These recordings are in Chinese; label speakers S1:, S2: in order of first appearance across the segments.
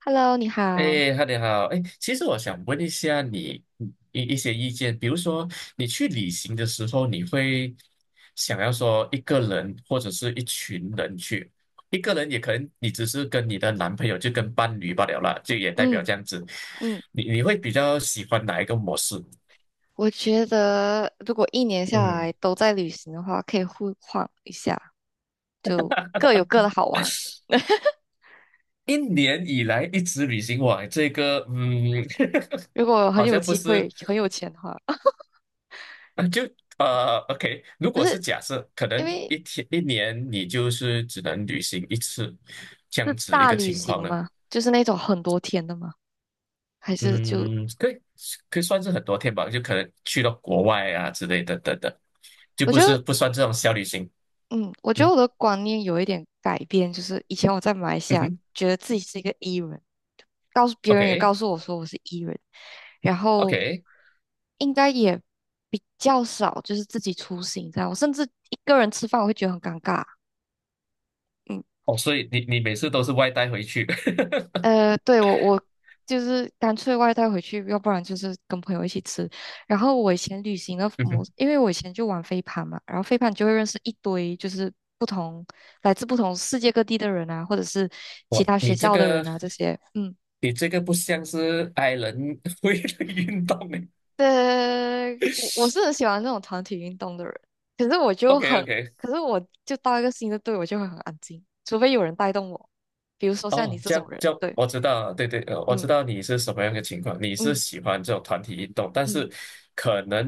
S1: Hello，你好。
S2: 哎哈，你好，哎，其实我想问一下你一些意见，比如说你去旅行的时候，你会想要说一个人或者是一群人去，一个人也可能你只是跟你的男朋友就跟伴侣罢了啦，就也代表
S1: 嗯
S2: 这样子，
S1: 嗯，
S2: 你会比较喜欢哪一个模式？
S1: 我觉得如果一年下
S2: 嗯，
S1: 来都在旅行的话，可以互换一下，就各有各的好玩。
S2: 一年以来一直旅行，哇，这个
S1: 如果 很
S2: 好
S1: 有
S2: 像不
S1: 机会、
S2: 是。
S1: 很有钱的话，
S2: 啊，就OK，如
S1: 不
S2: 果是
S1: 是
S2: 假设，可
S1: 因
S2: 能
S1: 为
S2: 一天一年你就是只能旅行一次，这
S1: 是
S2: 样子一
S1: 大
S2: 个
S1: 旅
S2: 情
S1: 行
S2: 况呢，
S1: 吗？就是那种很多天的吗？还是就
S2: 嗯，可以可以算是很多天吧，就可能去到国外啊之类的等等，就
S1: 我觉得。
S2: 不算这种小旅行，
S1: 嗯，我觉得
S2: 嗯
S1: 我的观念有一点改变，就是以前我在马来西
S2: 嗯
S1: 亚
S2: 哼
S1: 觉得自己是一个 E 人，告诉别人也
S2: ，OK
S1: 告诉我说我是 E 人，然后
S2: OK，
S1: 应该也比较少就是自己出行这样，我甚至一个人吃饭我会觉得很尴尬，嗯。
S2: 哦，所以你每次都是外带回去，
S1: 呃，对，我就是干脆外带回去，要不然就是跟朋友一起吃。然后我以前旅行的
S2: 嗯
S1: 模，
S2: 哼，
S1: 因为我以前就玩飞盘嘛，然后飞盘就会认识一堆就是不同来自不同世界各地的人啊，或者是其
S2: 哇，
S1: 他学校的人啊这些。嗯，
S2: 你这个不像是 i 人 会的运动呢
S1: 对，我是 很喜欢这种团体运动的人，可是我
S2: o
S1: 就
S2: k
S1: 很，
S2: o k
S1: 可是我就到一个新的队，我就会很安静，除非有人带动我，比如说像你
S2: 哦，
S1: 这
S2: 这样
S1: 种人。
S2: 就
S1: 对，
S2: 我知道对对，我知
S1: 嗯
S2: 道你是什么样的情况，你是
S1: 嗯
S2: 喜欢这种团体运动，但
S1: 嗯。
S2: 是可能，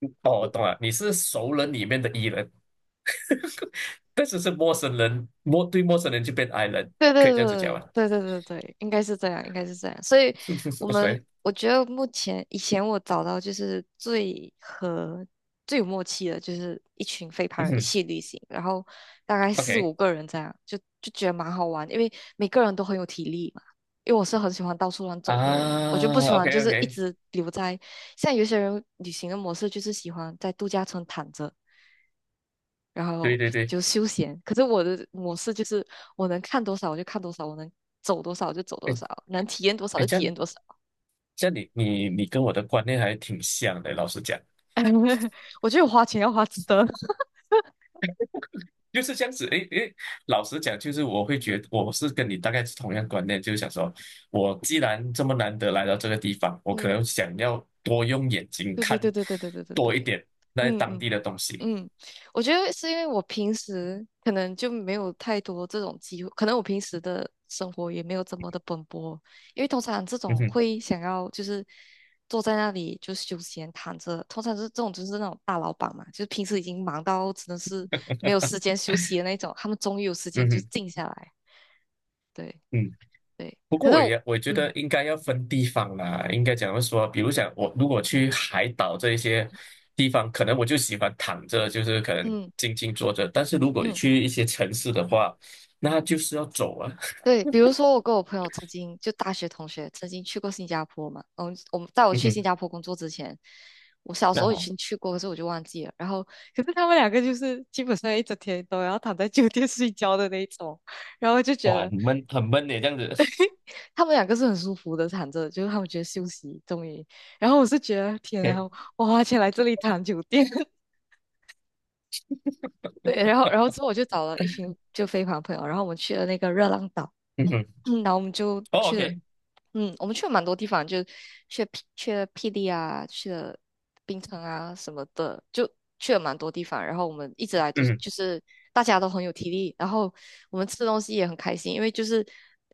S2: 哦，我
S1: 我。
S2: 懂了，你是熟人里面的 E 人，但是是陌生人，对陌生人就变 I 人，
S1: 对对
S2: 可以这样子讲
S1: 对
S2: 吧
S1: 对对对对，应该是这样，应该是这样。所以，我们
S2: ？OK，
S1: 我觉得目前以前我找到就是最和最有默契的，就是一群飞盘
S2: 嗯
S1: 人一
S2: 哼
S1: 起旅行，然后大概四
S2: ，OK
S1: 五个人这样，就觉得蛮好玩，因为每个人都很有体力嘛。因为我是很喜欢到处乱走的人，我就不
S2: 啊
S1: 喜欢
S2: ，OK
S1: 就是一
S2: OK，
S1: 直留在。像有些人旅行的模式就是喜欢在度假村躺着，然
S2: 对
S1: 后
S2: 对对，
S1: 就休闲。可是我的模式就是我能看多少我就看多少，我能走多少就走多
S2: 哎
S1: 少，能体验多少
S2: 哎，
S1: 就
S2: 这
S1: 体验
S2: 样
S1: 多少。
S2: 这样你跟我的观念还挺像的，老实讲。
S1: 我觉得我花钱要花值得。
S2: 就是这样子，诶诶，老实讲，就是我会觉得 我是跟你大概是同样观念，就是想说，我既然这么难得来到这个地方，我可能
S1: 嗯，
S2: 想要多用眼睛
S1: 对对
S2: 看
S1: 对对对对对对
S2: 多一
S1: 对，
S2: 点那
S1: 嗯
S2: 当
S1: 嗯。
S2: 地的东西。
S1: 嗯，我觉得是因为我平时可能就没有太多这种机会，可能我平时的生活也没有这么的奔波，因为通常这
S2: 嗯
S1: 种
S2: 哼，
S1: 会想要就是坐在那里就休闲躺着，通常是这种就是那种大老板嘛，就是平时已经忙到真的是没有时间休息的那种，他们终于有时间
S2: 嗯
S1: 就
S2: 哼，
S1: 静下来，对
S2: 嗯。
S1: 对，
S2: 不
S1: 可
S2: 过
S1: 是我，
S2: 我觉得
S1: 嗯
S2: 应该要分地方啦，应该讲要说，比如讲我如果去海岛这一些地方，可能我就喜欢躺着，就是可能
S1: 嗯
S2: 静静坐着，但是如果
S1: 嗯。
S2: 去一些城市的话，那就是要走啊。
S1: 对，比如说我跟我朋友曾经就大学同学曾经去过新加坡嘛，嗯，我们在我
S2: 嗯
S1: 去新
S2: 哼。
S1: 加坡工作之前，我小时
S2: 那
S1: 候已
S2: 好。
S1: 经去过，可是我就忘记了。然后，可是他们两个就是基本上一整天都要躺在酒店睡觉的那一种，然后就觉
S2: 哇，很
S1: 得
S2: 闷，很闷的这样子。
S1: 他们两个是很舒服的躺着，就是他们觉得休息终于。然后我是觉得天啊，
S2: OK，
S1: 我花钱来这里躺酒店，对，然后之后我就找了一群就飞盘朋友，然后我们去了那个热浪岛。
S2: 嗯哼，
S1: 嗯，然后我们就
S2: 哦
S1: 去了，
S2: ，OK，
S1: 嗯，我们去了蛮多地方，就去了霹雳啊，去了冰城啊什么的，就去了蛮多地方。然后我们一直来都是
S2: 嗯
S1: 就是大家都很有体力，然后我们吃东西也很开心，因为就是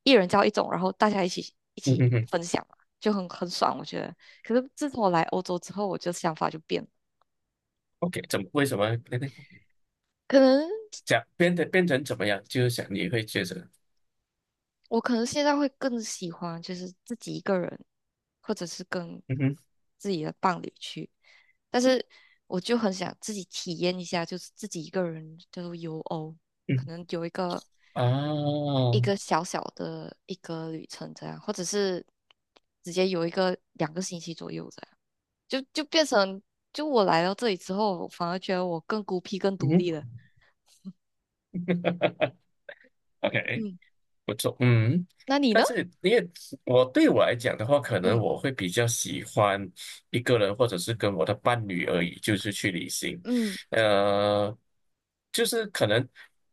S1: 一人叫一种，然后大家一起一
S2: 嗯嗯
S1: 起
S2: 哼
S1: 分享嘛，就很爽，我觉得。可是自从我来欧洲之后，我就想法就变了，
S2: o k 怎么为什么那个
S1: 可能。
S2: 讲变得变成怎么样？就是想你会觉得，
S1: 我可能现在会更喜欢就是自己一个人，或者是跟
S2: 嗯哼
S1: 自己的伴侣去，但是我就很想自己体验一下，就是自己一个人就是游欧，可
S2: 嗯
S1: 能有
S2: 啊，
S1: 一个小小的一个旅程这样，或者是直接有一个2个星期左右这样，就变成就我来到这里之后，我反而觉得我更孤僻、更
S2: 嗯
S1: 独立
S2: 哼
S1: 了。
S2: ，OK。
S1: 嗯，
S2: 不错，嗯，
S1: 那你呢？
S2: 但是因为我来讲的话，可能
S1: 嗯
S2: 我会比较喜欢一个人，或者是跟我的伴侣而已，就是去旅行。
S1: 嗯，
S2: 呃，就是可能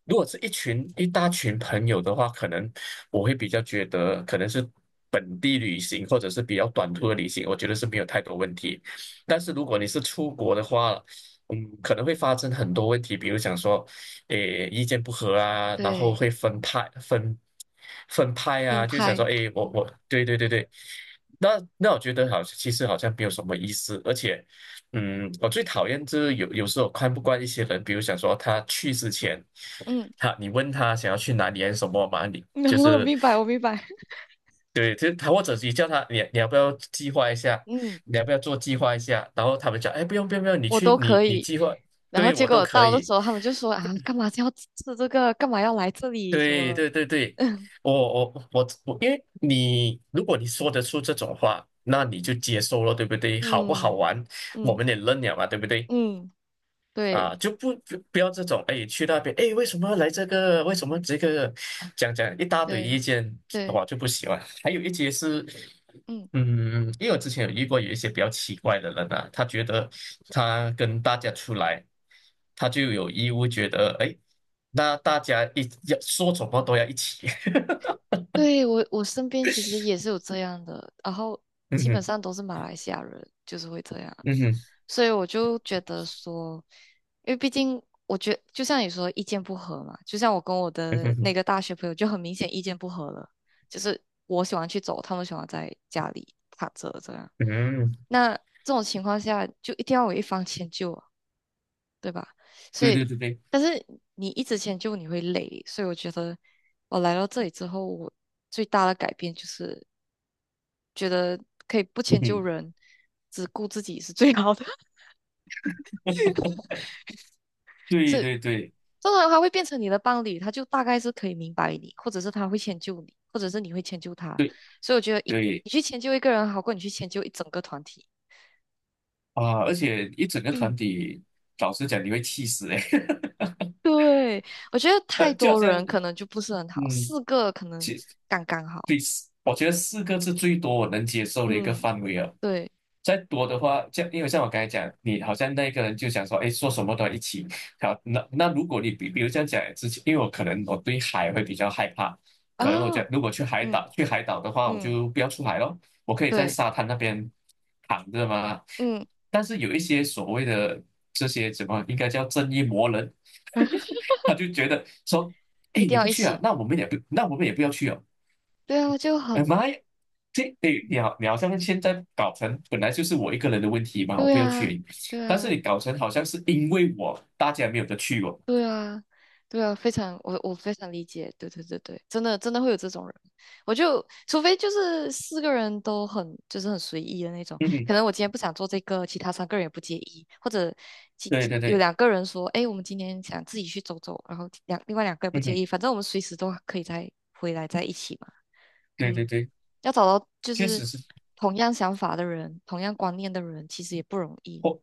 S2: 如果是一大群朋友的话，可能我会比较觉得可能是本地旅行或者是比较短途的旅行，我觉得是没有太多问题。但是如果你是出国的话，可能会发生很多问题，比如想说。诶意见不合啊，然后
S1: 对，
S2: 会分派
S1: 分
S2: 啊，就想
S1: 派。
S2: 说诶，我
S1: 嗯
S2: 我对对对对，那那我觉得好，其实好像没有什么意思，而且我最讨厌就是有时候看不惯一些人，比如想说他去之前，
S1: 嗯。
S2: 你问他想要去哪里还是什么嘛，你
S1: 然
S2: 就
S1: 后
S2: 是
S1: 明白，我明白，
S2: 对，就是他或者你叫他你要不要计划一下，
S1: 嗯，
S2: 你要不要做计划一下，然后他们讲哎不用不用不用，你
S1: 我
S2: 去
S1: 都可
S2: 你
S1: 以。
S2: 计划。
S1: 然后
S2: 对
S1: 结
S2: 我都
S1: 果
S2: 可
S1: 到的时
S2: 以，
S1: 候，他们就说啊，干嘛要吃这个？干嘛要来这里？什
S2: 对
S1: 么？
S2: 对对 对，
S1: 嗯
S2: 我我，因为如果你说得出这种话，那你就接受了，对不对？好不好
S1: 嗯
S2: 玩，我
S1: 嗯
S2: 们也认了嘛，对不对？
S1: 嗯，对
S2: 啊，就不要这种，哎，去那边，哎，为什么来这个？为什么这个？讲讲一大堆
S1: 对
S2: 意见，
S1: 对，
S2: 我就不喜欢。还有一些是。
S1: 嗯，
S2: 因为我之前有遇过有一些比较奇怪的人啊，他觉得他跟大家出来，他就有义务觉得，哎，那大家一要说什么都要一起。
S1: 对我身边其实也是有这样的，然后
S2: 嗯
S1: 基本
S2: 哼，
S1: 上都是马来西亚人，就是会这样。
S2: 嗯哼，
S1: 所以我就觉得说，因为毕竟我觉就像你说意见不合嘛，就像我跟我
S2: 嗯
S1: 的那
S2: 哼
S1: 个大学朋友就很明显意见不合了，就是我喜欢去走，他们喜欢在家里躺着这样。
S2: 嗯，
S1: 那这种情况下就一定要有一方迁就啊，对吧？所
S2: 对对
S1: 以，
S2: 对对，
S1: 但是你一直迁就你会累，所以我觉得我来到这里之后，我最大的改变就是觉得可以不
S2: 嗯
S1: 迁就
S2: 哼，
S1: 人，只顾自己是最好的。
S2: 对
S1: 这
S2: 对对
S1: 通常他会变成你的伴侣，他就大概是可以明白你，或者是他会迁就你，或者是你会迁就他。
S2: 对
S1: 所以我觉得一
S2: 对
S1: 你去迁就一个人，好过你去迁就一整个团体。
S2: 啊！而且一整个团体，老实讲，你会气死哎、
S1: 对，我觉得 太
S2: 就好
S1: 多
S2: 像，
S1: 人可能就不是很好，
S2: 嗯，
S1: 四个可能
S2: 其。
S1: 刚刚好。
S2: 对，我觉得四个是最多我能接受的一个
S1: 嗯，
S2: 范围了。
S1: 对
S2: 再多的话，因为像我刚才讲，你好像那个人就想说，哎，做什么都要一起。好，那如果比如这样讲之前，因为我可能我对海会比较害怕，可能我觉得
S1: 啊，
S2: 如果
S1: 嗯
S2: 去海岛的话，我
S1: 嗯，
S2: 就不要出海咯，我可以在
S1: 对，
S2: 沙滩那边躺着嘛。
S1: 嗯，
S2: 但是有一些所谓的这些怎么应该叫正义魔人，他就觉得说，哎，
S1: 一定
S2: 你
S1: 要
S2: 不
S1: 一
S2: 去啊，
S1: 起。
S2: 那我们也不要去哦。
S1: 对啊，就
S2: 哎
S1: 很
S2: 妈呀，这对你好，你好像现在搞成本来就是我一个人的问题嘛，我
S1: 对
S2: 不要去而
S1: 啊，
S2: 已，
S1: 对
S2: 但是
S1: 啊。
S2: 你搞成好像是因为我大家没有得去哦。
S1: 对啊，对啊，非常，我非常理解，对对对对，真的真的会有这种人，我就除非就是四个人都很就是很随意的那种，
S2: 嗯
S1: 可
S2: 哼，
S1: 能我今天不想做这个，其他三个人也不介意，或者其
S2: 对
S1: 其
S2: 对
S1: 有
S2: 对，
S1: 两个人说，哎，我们今天想自己去走走，然后另外两个也不
S2: 嗯
S1: 介
S2: 哼，
S1: 意，反正我们随时都可以再回来在一起嘛，
S2: 对对
S1: 嗯，
S2: 对，
S1: 要找到就
S2: 确
S1: 是
S2: 实是
S1: 同样想法的人，同样观念的人，其实也不容易，
S2: 或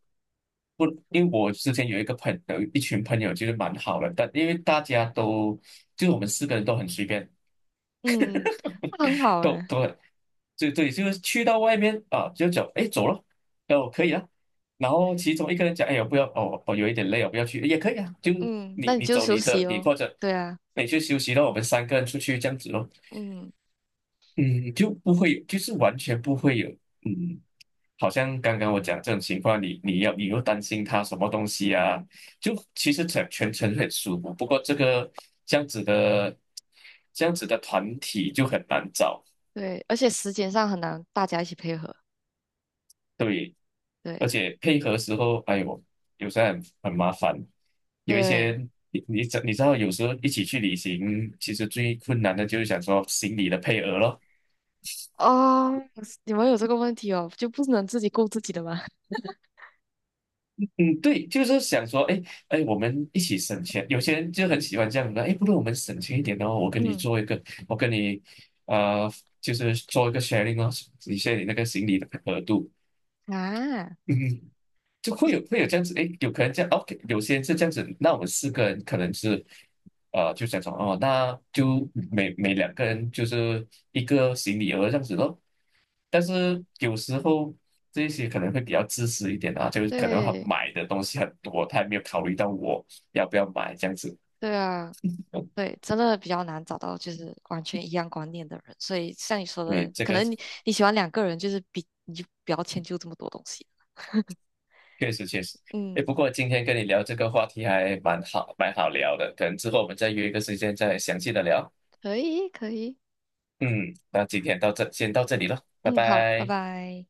S2: 不，因为我之前有一个朋友，一群朋友就是蛮好的，但因为大家都就是我们四个人都很随便，
S1: 嗯，那很好
S2: 都
S1: 哎、
S2: 都很对对，就是去到外面啊，就走，哎走了，哦可以啊，然后其中一个人讲哎呀不要哦我有一点累哦不要去也可以啊，就
S1: 嗯，那
S2: 你
S1: 你
S2: 你
S1: 就
S2: 走
S1: 休
S2: 你的
S1: 息哦。
S2: 或者
S1: 对啊，
S2: 你去休息，了，我们三个人出去这样子咯，
S1: 嗯，
S2: 嗯就不会就是完全不会有嗯，好像刚刚我讲这种情况，你又担心他什么东西啊，就其实全程很舒服，不过这样子的这样子的团体就很难找。
S1: 对，而且时间上很难大家一起配合。
S2: 对，
S1: 对
S2: 而且配合时候，哎呦，有时候很麻烦。有一
S1: 对，
S2: 些你知道，有时候一起去旅行，其实最困难的就是想说行李的配额咯。
S1: 哦，你们有这个问题哦，就不能自己顾自己的吗？
S2: 嗯，对，就是想说，哎哎，我们一起省钱。有些人就很喜欢这样的，哎，不如我们省钱一点哦，我 跟你
S1: 嗯
S2: 做一个，我跟你呃，就是做一个 sharing 哦，你 s h 你那个行李的额度。
S1: 啊，
S2: 嗯。就会会有这样子，诶，有可能这样，OK，有些人是这样子，那我们四个人可能是，就想说，哦，那就每两个人就是一个行李额这样子咯。但是有时候这些可能会比较自私一点啊，就是可能他
S1: 对
S2: 买的东西很多，他也没有考虑到我要不要买这样子。
S1: 对啊，
S2: 嗯，
S1: 对，真的比较难找到就是完全一样观念的人。所以像你说
S2: 对，
S1: 的，
S2: 这
S1: 可
S2: 个
S1: 能你你喜欢两个人，就是比你就不要迁就这么多东西。
S2: 确实确实。诶，
S1: 嗯，
S2: 不过今天跟你聊这个话题还蛮好，蛮好聊的，可能之后我们再约一个时间再详细的聊。
S1: 可以可以，
S2: 嗯，那今天到这，先到这里了，拜
S1: 嗯，好，拜
S2: 拜。
S1: 拜。